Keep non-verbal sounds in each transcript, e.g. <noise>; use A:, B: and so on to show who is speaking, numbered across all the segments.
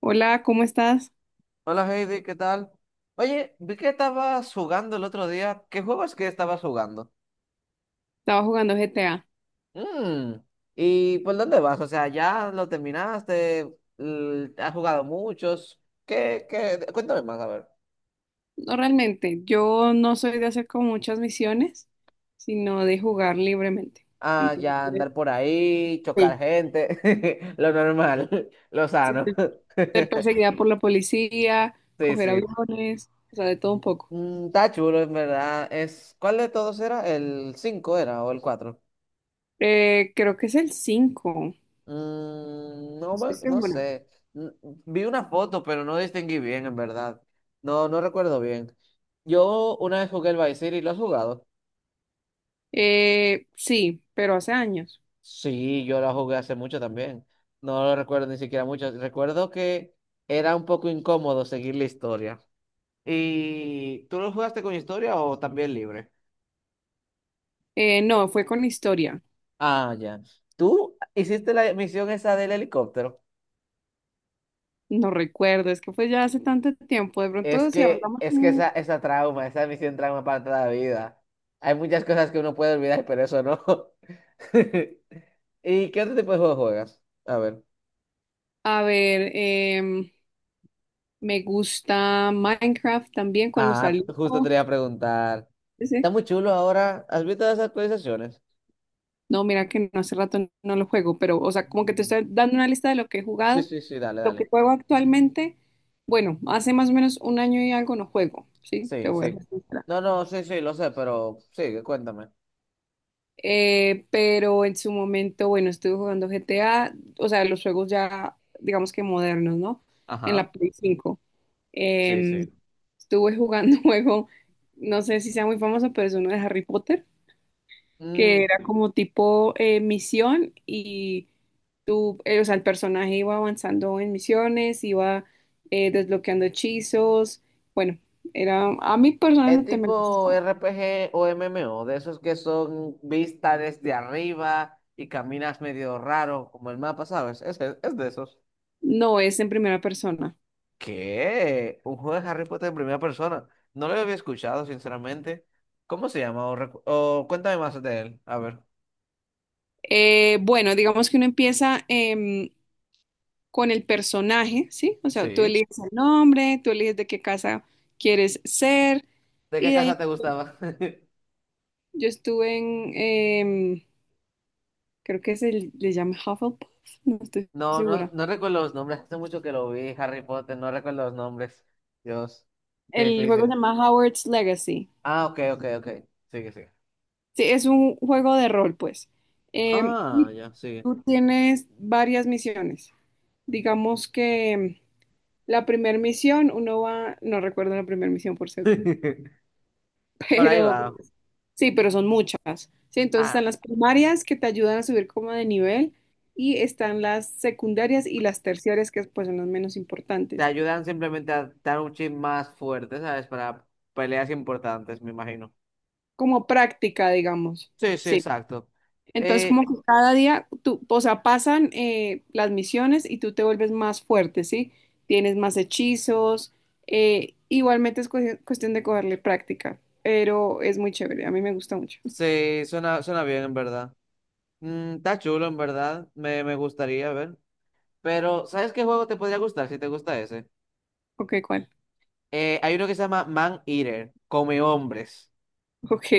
A: Hola, ¿cómo estás?
B: Hola Heidi, ¿qué tal? Oye, vi que estabas jugando el otro día. ¿Qué juegos que estabas jugando?
A: Estaba jugando GTA.
B: Mm. ¿Y por dónde vas? O sea, ¿ya lo terminaste? ¿Has jugado muchos? ¿Qué? Cuéntame más, a ver.
A: No realmente, yo no soy de hacer como muchas misiones, sino de jugar libremente.
B: Ah, ya
A: Entonces,
B: andar por ahí, chocar
A: sí.
B: gente, <laughs> lo normal, <laughs> lo
A: Sí,
B: sano. <laughs>
A: ser perseguida por la policía,
B: Sí,
A: coger
B: sí.
A: aviones, o sea, de todo un poco.
B: Está chulo, en verdad. ¿Cuál de todos era? ¿El 5 era o el cuatro?
A: Creo que es el 5. No
B: No,
A: estoy
B: no
A: segura.
B: sé. N- Vi una foto, pero no distinguí bien, en verdad. No, no recuerdo bien. Yo una vez jugué el Vice City, ¿lo has jugado?
A: Sí, pero hace años.
B: Sí, yo la jugué hace mucho también. No lo recuerdo ni siquiera mucho. Recuerdo que era un poco incómodo seguir la historia. ¿Y tú lo jugaste con historia o también libre?
A: No, fue con historia.
B: Ah, ya. ¿Tú hiciste la misión esa del helicóptero?
A: No recuerdo, es que fue ya hace tanto tiempo. De
B: Es
A: pronto, si
B: que,
A: hablamos,
B: es que esa, esa trauma, esa misión trauma para toda la vida. Hay muchas cosas que uno puede olvidar, pero eso no. <laughs> ¿Y qué otro tipo de juego juegas? A ver.
A: a ver, em, me gusta Minecraft también cuando
B: Ah,
A: salió.
B: justo te lo iba a preguntar.
A: Ese.
B: Está muy chulo ahora. ¿Has visto las actualizaciones?
A: No, mira que no, hace rato no lo juego, pero, o sea, como que te
B: Mm.
A: estoy dando una lista de lo que he
B: Sí,
A: jugado,
B: sí, sí, dale,
A: lo que
B: dale.
A: juego actualmente. Bueno, hace más o menos un año y algo no juego, ¿sí? Te
B: Sí,
A: voy a
B: sí.
A: ser sincera.
B: No, no, sí, sí, lo sé, pero sí, cuéntame.
A: Pero en su momento, bueno, estuve jugando GTA, o sea, los juegos ya, digamos que modernos, ¿no? En
B: Ajá.
A: la Play cinco.
B: Sí,
A: Em,
B: sí.
A: Estuve jugando <laughs> un juego, no sé si sea muy famoso, pero es uno de Harry Potter, que era como tipo misión y tú, o sea, el personaje iba avanzando en misiones, iba desbloqueando hechizos. Bueno, era, a mí
B: Es
A: personalmente me
B: tipo
A: gustó.
B: RPG o MMO, de esos que son vistas desde arriba y caminas medio raro, como el mapa, ¿sabes? Es de esos.
A: No es en primera persona.
B: ¿Qué? Un juego de Harry Potter en primera persona. No lo había escuchado, sinceramente. ¿Cómo se llama? O cuéntame más de él. A ver.
A: Bueno, digamos que uno empieza con el personaje, ¿sí? O sea, tú
B: Sí.
A: eliges el nombre, tú eliges de qué casa quieres ser,
B: ¿De qué
A: y de ahí
B: casa te gustaba? <laughs>
A: yo estuve en, em, creo que se le llama Hufflepuff, no estoy
B: No, no,
A: segura.
B: no recuerdo los nombres. Hace mucho que lo vi, Harry Potter. No recuerdo los nombres. Dios, qué
A: El juego se
B: difícil.
A: llama Howard's Legacy.
B: Ah, ok, ok, ok. Sigue, sigue.
A: Sí, es un juego de rol, pues. Eh,
B: Ah,
A: y
B: ya, sí.
A: tú tienes varias misiones. Digamos que la primera misión, uno va, no recuerdo la primera misión, por cierto,
B: <laughs>
A: <laughs>
B: Por ahí
A: pero
B: va.
A: sí, pero son muchas. Sí, entonces están
B: Ah,
A: las primarias que te ayudan a subir como de nivel y están las secundarias y las terciarias, que pues son las menos
B: te
A: importantes,
B: ayudan simplemente a dar un chip más fuerte, ¿sabes? Para peleas importantes, me imagino.
A: como práctica, digamos.
B: Sí, sí,
A: Sí.
B: exacto.
A: Entonces, como
B: Eh,
A: que cada día, tú, o sea, pasan las misiones y tú te vuelves más fuerte, ¿sí? Tienes más hechizos. Igualmente es cuestión de cogerle práctica, pero es muy chévere. A mí me gusta mucho. <laughs>
B: sí, suena bien, en verdad. Está chulo, en verdad. Me gustaría ver. Pero, ¿sabes qué juego te podría gustar si te gusta ese?
A: Ok, ¿cuál?
B: Hay uno que se llama Man Eater, Come Hombres.
A: Ok,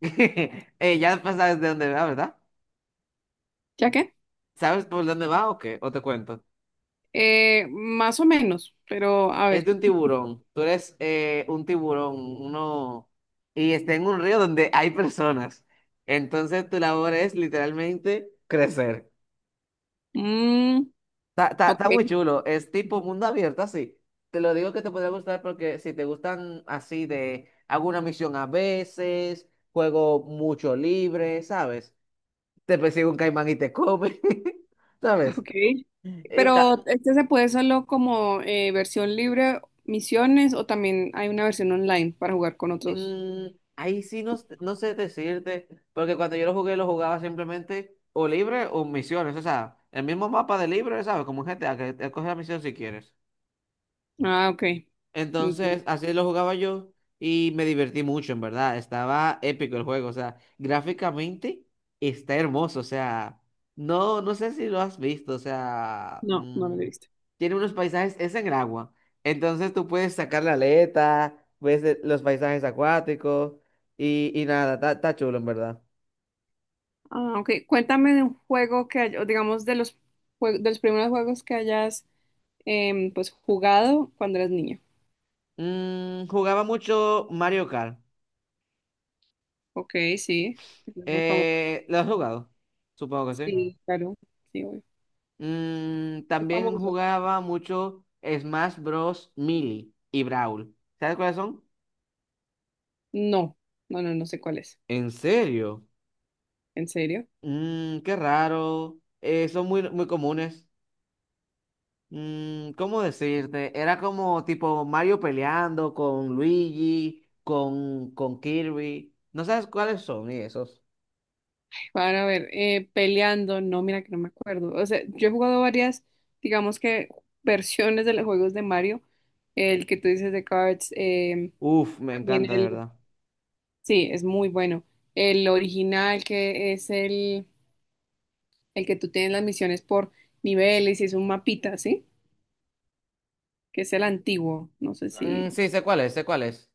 B: <laughs> Ya sabes de dónde va, ¿verdad?
A: ¿ya qué?
B: ¿Sabes por dónde va o qué? ¿O te cuento?
A: Más o menos, pero a
B: Es
A: ver.
B: de un tiburón. Tú eres un tiburón, uno, y está en un río donde hay personas. Entonces tu labor es literalmente crecer.
A: Mm,
B: Está, está-
A: ok,
B: está muy chulo. Es tipo mundo abierto, así. Te lo digo que te podría gustar porque si te gustan así de hago una misión a veces, juego mucho libre, ¿sabes? Te persigue un caimán y te come, <laughs> ¿sabes?
A: ok.
B: Y
A: Pero
B: ta-
A: este se puede solo como versión libre, misiones, o también hay una versión online para jugar con otros.
B: Mm, ahí sí no sé decirte, porque cuando yo lo jugué, lo jugaba simplemente o libre o misiones, o sea, el mismo mapa de libre, ¿sabes? Como en GTA que te escoges la misión si quieres.
A: Ah, ok.
B: Entonces, así lo jugaba yo y me divertí mucho, en verdad. Estaba épico el juego, o sea, gráficamente está hermoso, o sea, no sé si lo has visto, o sea,
A: No, no lo he visto.
B: tiene unos paisajes, es en el agua. Entonces tú puedes sacar la aleta, ves los paisajes acuáticos y nada, está chulo, en verdad.
A: Ah, ok. Cuéntame de un juego que, o digamos, de los, de los primeros juegos que hayas pues jugado cuando eras niño.
B: Jugaba mucho Mario Kart.
A: Ok, sí. Es muy famoso.
B: ¿Lo has jugado? Supongo que sí.
A: Sí, claro. Sí, obvio. Es
B: También
A: famoso.
B: jugaba mucho Smash Bros. Melee y Brawl. ¿Sabes cuáles son?
A: No, no, no, no, sé cuál es
B: ¿En serio?
A: ¿En serio?
B: Qué raro. Son muy, muy comunes. ¿Cómo decirte? Era como tipo Mario peleando con Luigi, con Kirby. ¿No sabes cuáles son y esos?
A: Para ver, peleando, no, mira que no me acuerdo. O sea, yo he jugado varias, digamos que versiones de los juegos de Mario. El que tú dices de Cards,
B: Uf, me
A: también
B: encanta de
A: el.
B: verdad.
A: Sí, es muy bueno. El original, que es el que tú tienes las misiones por niveles y es un mapita, ¿sí? Que es el antiguo. No sé
B: Mm,
A: si...
B: sí, sé cuáles, sé cuáles.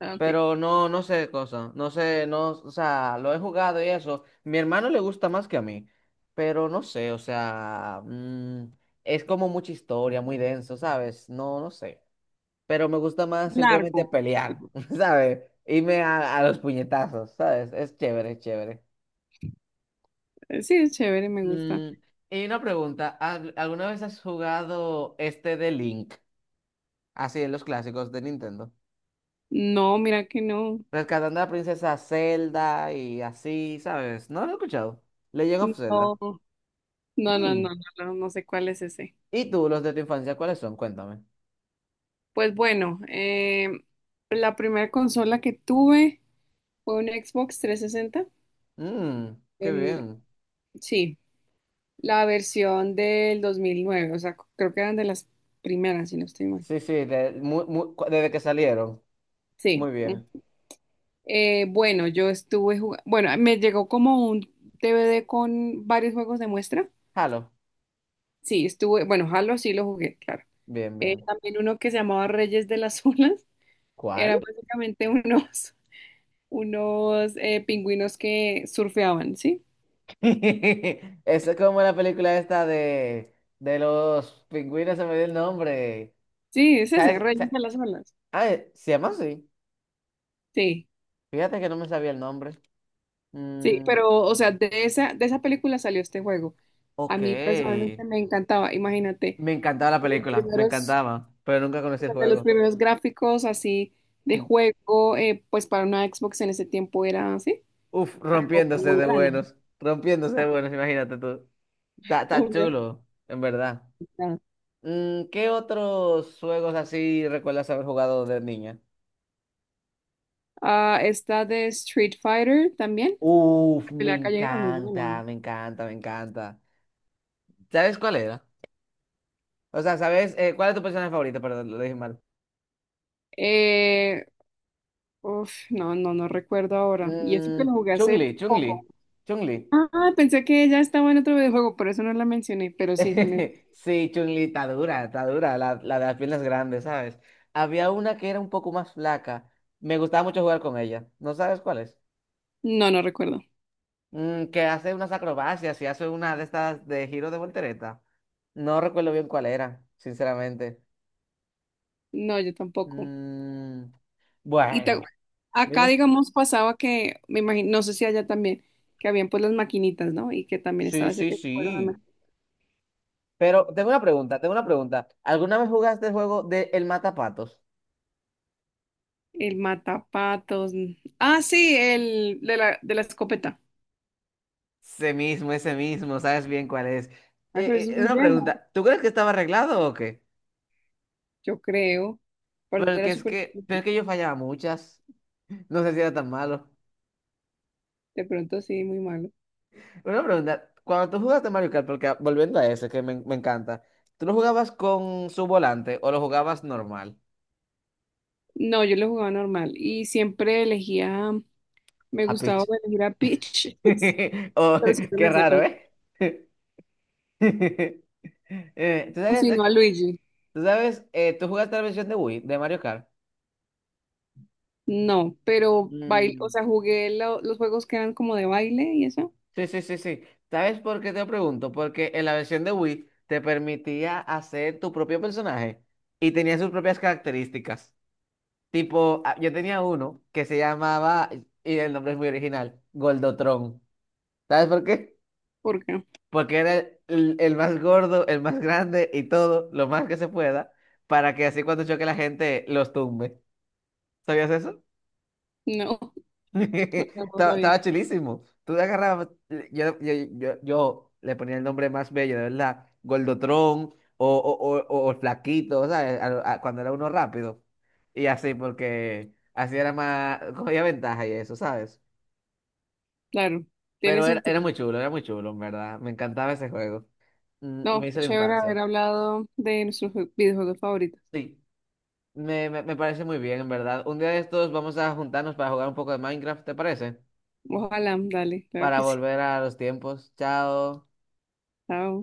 A: Ah, ok.
B: Pero no sé de cosa, no sé, no, o sea, lo he jugado y eso. Mi hermano le gusta más que a mí, pero no sé, o sea, es como mucha historia, muy denso, ¿sabes? No sé. Pero me gusta más
A: Largo.
B: simplemente pelear, <laughs> ¿sabes? Irme a, los puñetazos, ¿sabes? Es chévere, es chévere.
A: Sí, es chévere, me gusta.
B: Mm, y una pregunta, ¿alguna vez has jugado este de Link? Así en los clásicos de Nintendo.
A: No, mira que no.
B: Rescatando a la princesa Zelda y así, ¿sabes? No lo he escuchado. Legend of Zelda.
A: No, no, no,
B: Mm.
A: no, no, no, no sé cuál es ese.
B: ¿Y tú, los de tu infancia, cuáles son? Cuéntame.
A: Pues bueno, la primera consola que tuve fue un Xbox 360.
B: Mm, qué
A: Em,
B: bien.
A: sí, la versión del 2009, o sea, creo que eran de las primeras, si no estoy mal.
B: Sí, sí, desde que salieron.
A: Sí.
B: Muy bien.
A: Mm. Bueno, yo estuve jugando, bueno, me llegó como un DVD con varios juegos de muestra.
B: Halo.
A: Sí, estuve, bueno, Halo sí lo jugué, claro.
B: Bien, bien.
A: También uno que se llamaba Reyes de las <laughs> Olas,
B: ¿Cuál?
A: era básicamente unos, <laughs> unos pingüinos que surfeaban, ¿sí?
B: <laughs> Eso es como la película esta de los pingüinos, se me dio el nombre.
A: Sí, es ese,
B: ¿Sabes?
A: Reyes de las Olas.
B: Ah, se llama así.
A: Sí.
B: Fíjate que no me sabía el nombre.
A: Sí,
B: Mm,
A: pero, o sea, de esa película salió este juego. A
B: ok.
A: mí personalmente me encantaba, imagínate,
B: Me encantaba la
A: de los
B: película, me
A: primeros,
B: encantaba, pero nunca conocí el
A: de los
B: juego.
A: primeros gráficos así de
B: Mm.
A: juego, pues para una Xbox en ese tiempo era así,
B: Uf,
A: algo pues muy grande.
B: rompiéndose de buenos, imagínate tú. Está
A: Obvio.
B: chulo, en verdad. ¿Qué otros juegos así recuerdas haber jugado de niña?
A: Ah, esta de Street Fighter también,
B: Uf,
A: la
B: me
A: pelea callejera es muy buena,
B: encanta,
A: ¿no?
B: me encanta, me encanta. ¿Sabes cuál era? O sea, ¿sabes cuál es tu personaje favorito? Perdón, lo dije mal.
A: Eh, uf, no, no, no recuerdo ahora. Y eso que
B: Mm,
A: lo jugué hace
B: Chun-Li,
A: poco.
B: Chun-Li, Chun-Li.
A: Ah, pensé que ya estaba en otro videojuego, por eso no la mencioné, pero sí, también.
B: <laughs> Sí, Chun-Li está dura, la de las piernas grandes, ¿sabes? Había una que era un poco más flaca, me gustaba mucho jugar con ella, ¿no sabes cuál es?
A: No, no recuerdo.
B: Que hace unas acrobacias y hace una de estas de giro de voltereta. No recuerdo bien cuál era, sinceramente.
A: No, yo tampoco.
B: Mm,
A: Y te-
B: bueno,
A: Acá,
B: dime.
A: digamos, pasaba que, me imagino, no sé si allá también, que habían pues las maquinitas, ¿no? Y que también
B: Sí,
A: estaba ese,
B: sí,
A: el, juego
B: sí. Pero tengo una pregunta, tengo una pregunta. ¿Alguna vez jugaste el juego de El Matapatos?
A: el matapatos. Mm. Ah, sí, el de la escopeta.
B: Ese mismo, sabes bien cuál es.
A: Ah, pero eso es muy
B: Una
A: viejo,
B: pregunta, ¿tú crees que estaba arreglado o qué?
A: yo creo. Aparte
B: pero que
A: era
B: es
A: súper
B: que, pero
A: difícil.
B: es que yo fallaba muchas. No sé si era tan malo.
A: De pronto sí, muy malo.
B: Una pregunta, cuando tú jugaste Mario Kart, porque ah, volviendo a ese que me encanta, ¿tú lo jugabas con su volante o lo jugabas normal?
A: No, yo lo jugaba normal y siempre elegía, me
B: A
A: gustaba
B: pitch.
A: elegir a Peach, <laughs> sí,
B: <laughs> Oh,
A: pero siempre me
B: qué
A: hacía,
B: raro,
A: pero
B: ¿eh? <laughs> Eh, ¿tú
A: o si
B: sabes,
A: no
B: ok,
A: a Luigi.
B: ¿tú sabes, tú jugaste la versión de Wii, de Mario Kart?
A: No, pero bail, <laughs> o
B: Mm.
A: sea, jugué los juegos que eran como de baile y eso,
B: Sí, sí, sí, sí. ¿Sabes por qué te pregunto? Porque en la versión de Wii te permitía hacer tu propio personaje y tenía sus propias características. Tipo, ah, yo tenía uno que se llamaba, y el nombre es muy original, Goldotron. ¿Sabes por qué?
A: porque
B: Porque era el más gordo, el más grande y todo, lo más que se pueda, para que así cuando choque la gente los tumbe. ¿Sabías eso?
A: no,
B: <laughs>
A: <laughs> no, no
B: Estaba,
A: sabía.
B: estaba chulísimo. Tú le agarrabas, yo le ponía el nombre más bello, de verdad. Gordotrón o Flaquito, ¿sabes? Cuando era uno rápido. Y así, porque así era más, cogía ventaja y eso, ¿sabes?
A: Claro, tiene
B: Pero era
A: sentido.
B: muy chulo, era muy chulo, en verdad. Me encantaba ese juego.
A: No,
B: Me
A: qué
B: hizo la
A: chévere
B: infancia.
A: haber hablado de nuestros videojuegos favoritos.
B: Sí, me parece muy bien, en verdad. Un día de estos vamos a juntarnos para jugar un poco de Minecraft, ¿te parece?
A: Ojalá, dale, claro
B: Para
A: que sí.
B: volver a los tiempos. Chao.
A: Chao.